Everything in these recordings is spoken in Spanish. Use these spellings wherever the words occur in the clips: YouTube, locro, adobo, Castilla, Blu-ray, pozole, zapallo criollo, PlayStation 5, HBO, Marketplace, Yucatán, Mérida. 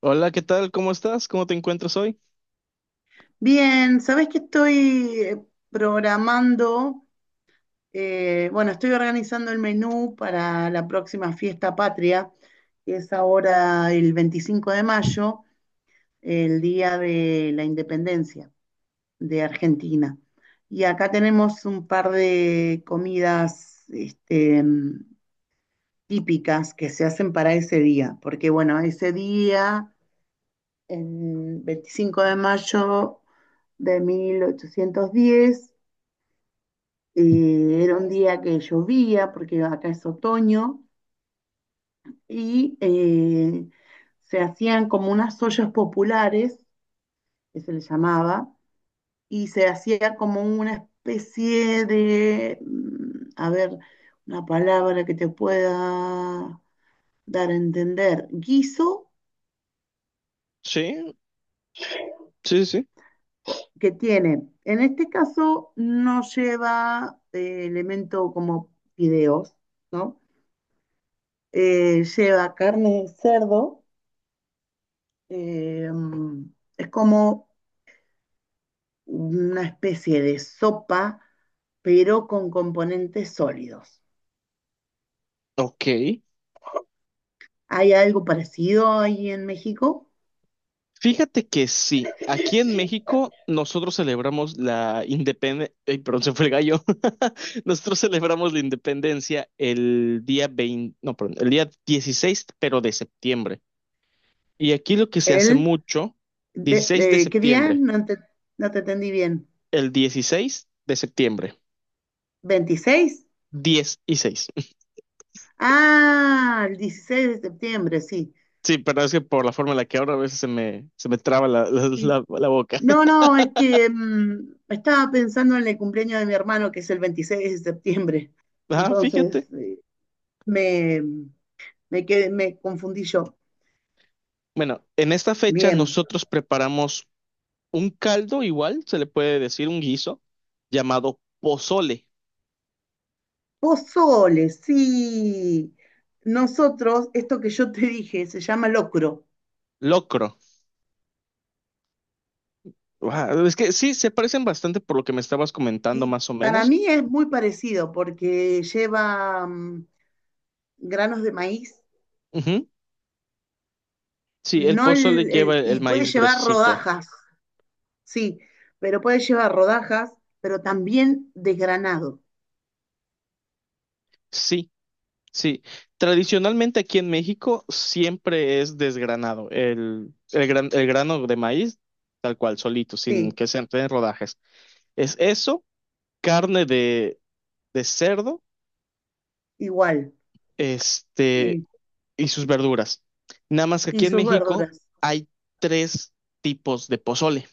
Hola, ¿qué tal? ¿Cómo estás? ¿Cómo te encuentras hoy? Bien, sabés que estoy programando, bueno, estoy organizando el menú para la próxima fiesta patria, que es ahora el 25 de mayo, el día de la independencia de Argentina. Y acá tenemos un par de comidas, este, típicas que se hacen para ese día, porque bueno, ese día, el 25 de mayo de 1810. Era un día que llovía, porque acá es otoño, y se hacían como unas ollas populares, que se les llamaba, y se hacía como una especie de, a ver, una palabra que te pueda dar a entender, guiso Sí, sí, sí. Sí. que tiene, en este caso no lleva elemento como fideos, ¿no? Lleva carne de cerdo. Eh, mm, es como una especie de sopa, pero con componentes sólidos. Ok. ¿Hay algo parecido ahí en México? Fíjate que sí, aquí en México nosotros celebramos la independencia, perdón, se fue el gallo. Nosotros celebramos la independencia el día 20. No, perdón, el día 16, pero de septiembre. Y aquí lo que se hace ¿El? mucho, 16 de ¿Qué día? septiembre, No te entendí bien. el dieciséis de septiembre, ¿26? 10 y 6. Ah, el 16 de septiembre, sí. Sí, pero es que por la forma en la que ahora a veces se me traba la, la Sí. la- la boca. No, no, es que estaba pensando en el cumpleaños de mi hermano, que es el 26 de septiembre. Ah, Entonces, fíjate. Me, me confundí yo. Bueno, en esta fecha Bien. nosotros preparamos un caldo igual, se le puede decir un guiso, llamado pozole, Pozole, sí. Nosotros, esto que yo te dije, se llama locro. locro. Guau, es que sí, se parecen bastante por lo que me estabas comentando Y más o para menos. mí es muy parecido porque lleva granos de maíz, Ujú. Sí, el no pozole el, lleva el- el y puede maíz llevar gruesecito. rodajas, sí, pero puede llevar rodajas, pero también desgranado, Sí, sí. Tradicionalmente aquí en México siempre es desgranado, el grano de maíz tal cual, solito, sin sí, que se en rodajes. Es eso, carne de cerdo igual, este, sí, y sus verduras. Nada más que y aquí en sus México verduras. hay tres tipos de pozole.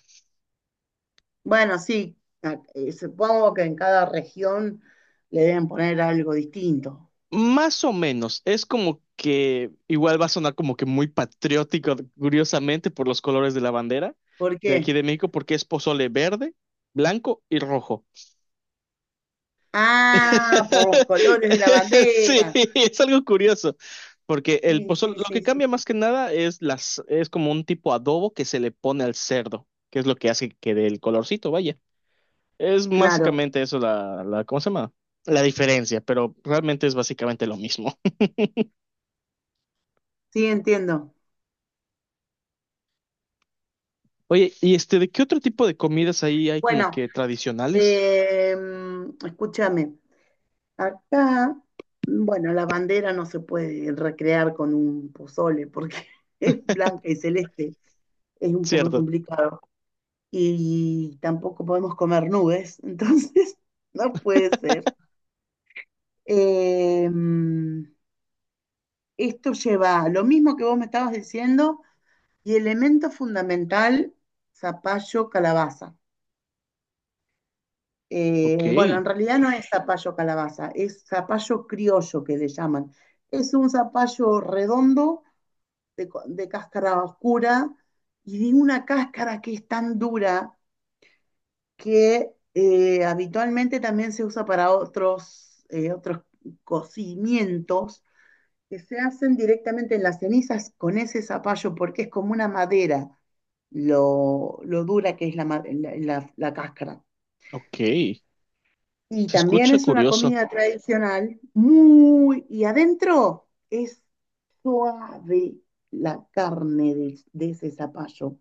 Bueno, sí, supongo que en cada región le deben poner algo distinto. Más o menos, es como que igual va a sonar como que muy patriótico, curiosamente, por los colores de la bandera ¿Por de qué? aquí de México, porque es pozole verde, blanco y rojo. Ah, por los colores de la Sí, bandera. es algo curioso, porque el Sí, pozole, sí, lo que sí, sí, cambia más sí. que nada es las, es como un tipo adobo que se le pone al cerdo, que es lo que hace que dé el colorcito, vaya. Es Claro, básicamente eso ¿cómo se llama? La diferencia, pero realmente es básicamente lo mismo. sí, entiendo. Oye, ¿y este de qué otro tipo de comidas ahí hay como Bueno, que tradicionales? eh, escúchame, acá, bueno, la bandera no se puede recrear con un pozole porque es blanca y celeste, es un poco Cierto. complicado. Y tampoco podemos comer nubes, entonces no puede ser. Eh, Esto lleva lo mismo que vos me estabas diciendo. Y elemento fundamental, zapallo calabaza. Ok, Bueno, en realidad no es zapallo calabaza, es zapallo criollo que le llaman. Es un zapallo redondo de cáscara oscura y de una cáscara que es tan dura que habitualmente también se usa para otros cocimientos que se hacen directamente en las cenizas con ese zapallo, porque es como una madera, lo dura que es la, ma- la- la- la cáscara. ok. Y Se también escucha es una curioso. comida tradicional, muy, y adentro es suave la carne de ese zapallo.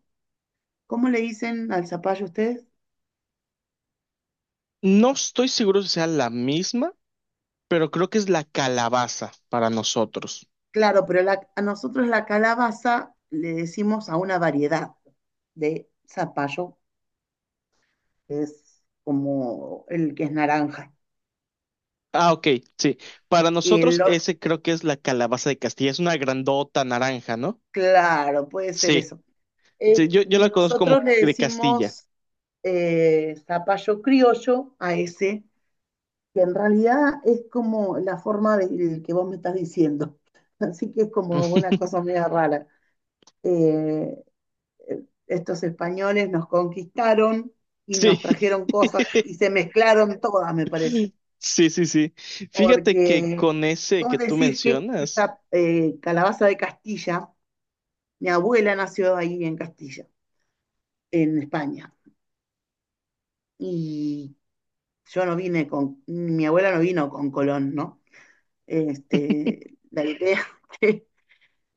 ¿Cómo le dicen al zapallo ustedes? No estoy seguro si sea la misma, pero creo que es la calabaza para nosotros. Claro, pero a nosotros la calabaza le decimos a una variedad de zapallo, que es como el que es naranja. Ah, ok, sí. Para Y el, nosotros ese creo que es la calabaza de Castilla. Es una grandota naranja, ¿no? Claro, puede ser Sí. eso. Eh, Sí, yo y la conozco como nosotros le de Castilla. decimos zapallo criollo a ese, que en realidad es como la forma de que vos me estás diciendo. Así que es como una cosa media rara. Eh, Estos españoles nos conquistaron y Sí. nos trajeron cosas y se mezclaron todas, me parece. Sí, sí, sí. Fíjate que Porque con ese vos que tú decís que mencionas, esa calabaza de Castilla, mi abuela nació ahí en Castilla, en España. Y yo no vine con, mi abuela no vino con Colón, ¿no? Este, la idea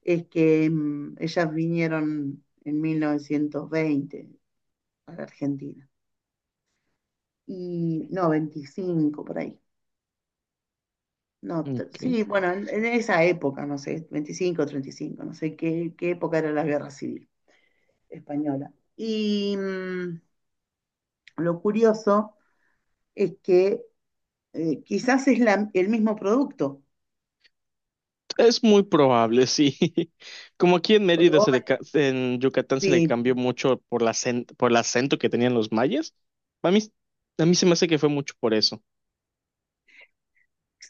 es que ellas vinieron en 1920 a la Argentina. Y no, 25 por ahí. No, ok, sí, bueno, en esa época, no sé, 25, 35, no sé qué, qué época era la guerra civil española. Y lo curioso es que quizás es el mismo producto, es muy probable, sí. Como aquí en porque Mérida, se le ca- en Yucatán se le sí. cambió mucho por la acen- por el acento que tenían los mayas. A mí, a mí se me hace que fue mucho por eso.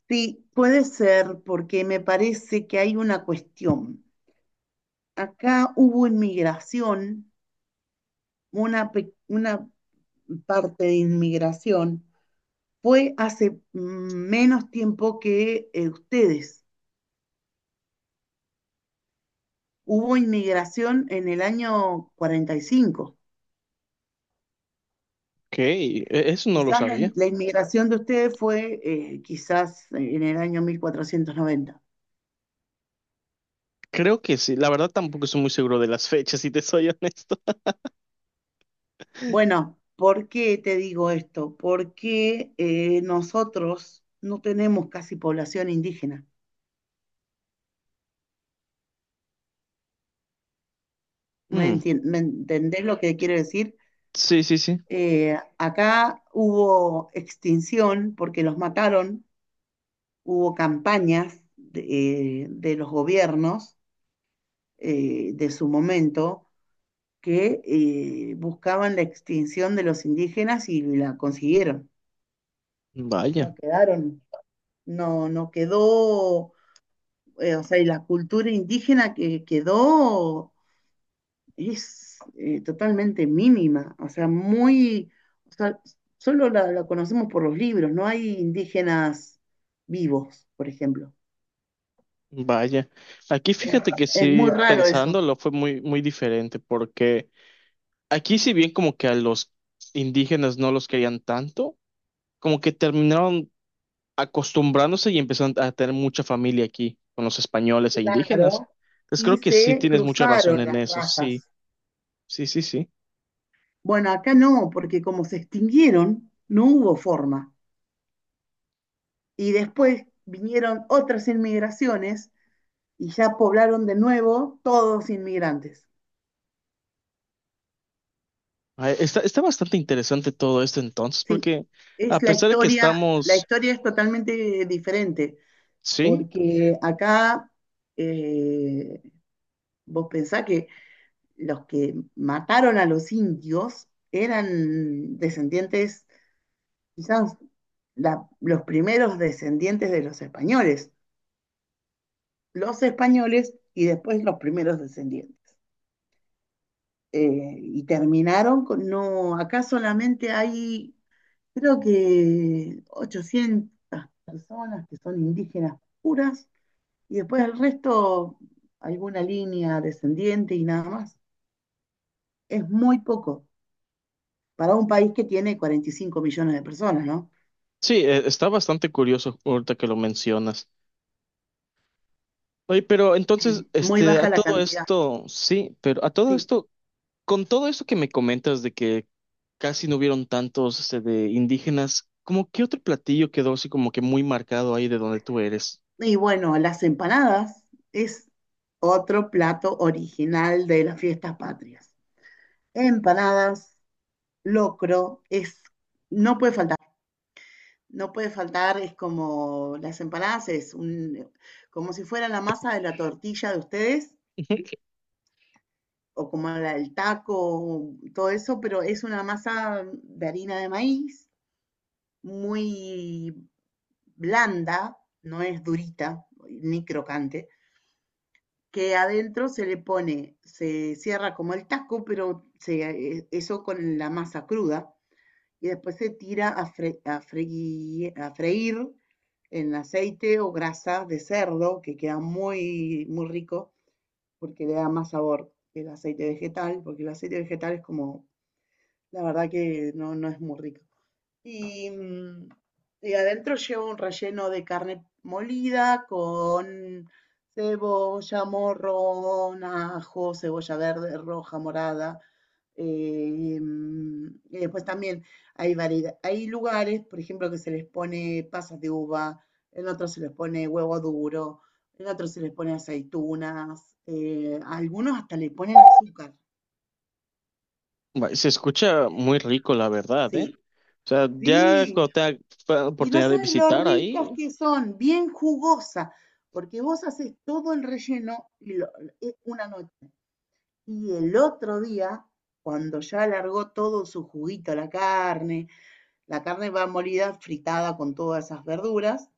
Sí, puede ser porque me parece que hay una cuestión. Acá hubo inmigración, una parte de inmigración fue hace menos tiempo que ustedes. Hubo inmigración en el año 45. Ok, e- eso no lo Quizás la, sabía. la inmigración de ustedes fue quizás en el año 1490. Creo que sí. La verdad tampoco estoy muy seguro de las fechas, si te soy honesto. Bueno, ¿por qué te digo esto? Porque nosotros no tenemos casi población indígena. ¿Me Mm, entien- me entendés lo que quiero decir? sí, sí, sí. Acá hubo extinción porque los mataron, hubo campañas de los gobiernos de su momento que buscaban la extinción de los indígenas y la consiguieron. No Vaya, quedaron, no, no quedó, o sea, y la cultura indígena que quedó es totalmente mínima, o sea, muy, o sea, solo la conocemos por los libros, no hay indígenas vivos, por ejemplo. vaya. Aquí fíjate que Es muy sí, raro eso, pensándolo fue muy, muy diferente porque... Aquí, si bien como que a los indígenas no los querían tanto, como que terminaron acostumbrándose y empezaron a tener mucha familia aquí con los españoles e indígenas. claro, Entonces y creo que sí se tienes mucha razón cruzaron en las eso, sí, razas. sí, sí, sí. Bueno, acá no, porque como se extinguieron, no hubo forma. Y después vinieron otras inmigraciones y ya poblaron de nuevo todos inmigrantes. Ah, está, está bastante interesante todo esto entonces, Sí, porque es a pesar de que la estamos, historia es totalmente diferente, sí, porque acá eh, vos pensás que los que mataron a los indios eran descendientes, quizás los primeros descendientes de los españoles y después los primeros descendientes. Y terminaron con, no, acá solamente hay, creo que, 800 personas que son indígenas puras y después el resto, alguna línea descendiente y nada más. Es muy poco para un país que tiene 45 millones de personas, ¿no? sí, está bastante curioso ahorita que lo mencionas. Oye, pero entonces, Muy este, a baja la todo cantidad, esto, sí, pero a todo sí. esto... Con todo eso que me comentas de que casi no hubieron tantos este, de indígenas, ¿cómo qué otro platillo quedó así como que muy marcado ahí de donde tú eres? Y bueno, las empanadas es otro plato original de las fiestas patrias. Empanadas, locro, no puede faltar. No puede faltar, es como las empanadas, como si fuera la masa de la tortilla de ustedes, o como la del taco, todo eso, pero es una masa de harina de maíz, muy blanda, no es durita ni crocante, que adentro se le pone, se cierra como el taco, pero eso con la masa cruda, y después se tira a freír en aceite o grasa de cerdo, que queda muy, muy rico porque le da más sabor que el aceite vegetal, porque el aceite vegetal es como, la verdad que no, no es muy rico. Y, mm, y adentro lleva un relleno de carne molida con cebolla, morrón, ajo, cebolla verde, roja, morada. Y después también hay variedad, hay lugares, por ejemplo, que se les pone pasas de uva, en otros se les pone huevo duro, en otros se les pone aceitunas, a algunos hasta le ponen azúcar. Va, se escucha muy rico, la verdad, ¿eh? Sí, O sea, ya sí. cuando tenga fa- Y no oportunidad de sabes lo visitar ricas ahí, que son, bien jugosas, porque vos haces todo el relleno y una noche. Y el otro día, cuando ya largó todo su juguito, la carne va molida, fritada con todas esas verduras,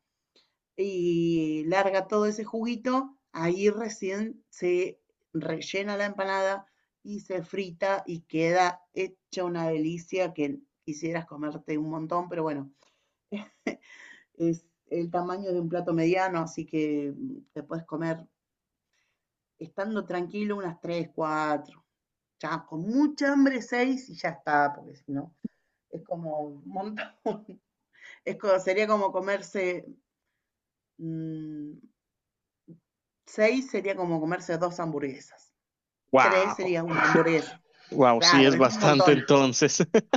y larga todo ese juguito, ahí recién se rellena la empanada y se frita y queda hecha una delicia que quisieras comerte un montón, pero bueno, es el tamaño de un plato mediano, así que te puedes comer estando tranquilo unas 3 4 ya con mucha hambre 6 y ya está, porque si no, es como un montón. Sería como comerse mmm, 6 sería como comerse dos hamburguesas, 3 wow, sería una hamburguesa, wow, sí claro, es es un bastante montón. entonces.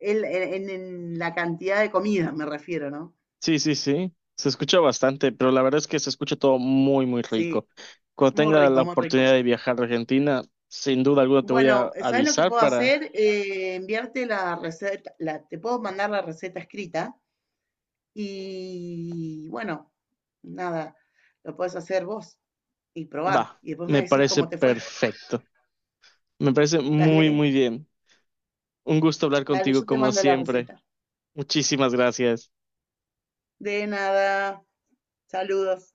En la cantidad de comida me refiero, ¿no? Sí, sí, sí, se escucha bastante, pero la verdad es que se escucha todo muy, muy Sí, rico. Cuando muy tenga rico, la muy rico. oportunidad de viajar a Argentina, sin duda alguna te voy a Bueno, ¿sabes lo que avisar puedo para... hacer? Enviarte la receta, te puedo mandar la receta escrita y bueno, nada, lo puedes hacer vos y probar Va, y después me me decís parece cómo te fue. perfecto. Me parece muy, Dale, muy bien. Un gusto hablar dale, contigo yo te como mando la siempre. receta. Muchísimas gracias. De nada, saludos.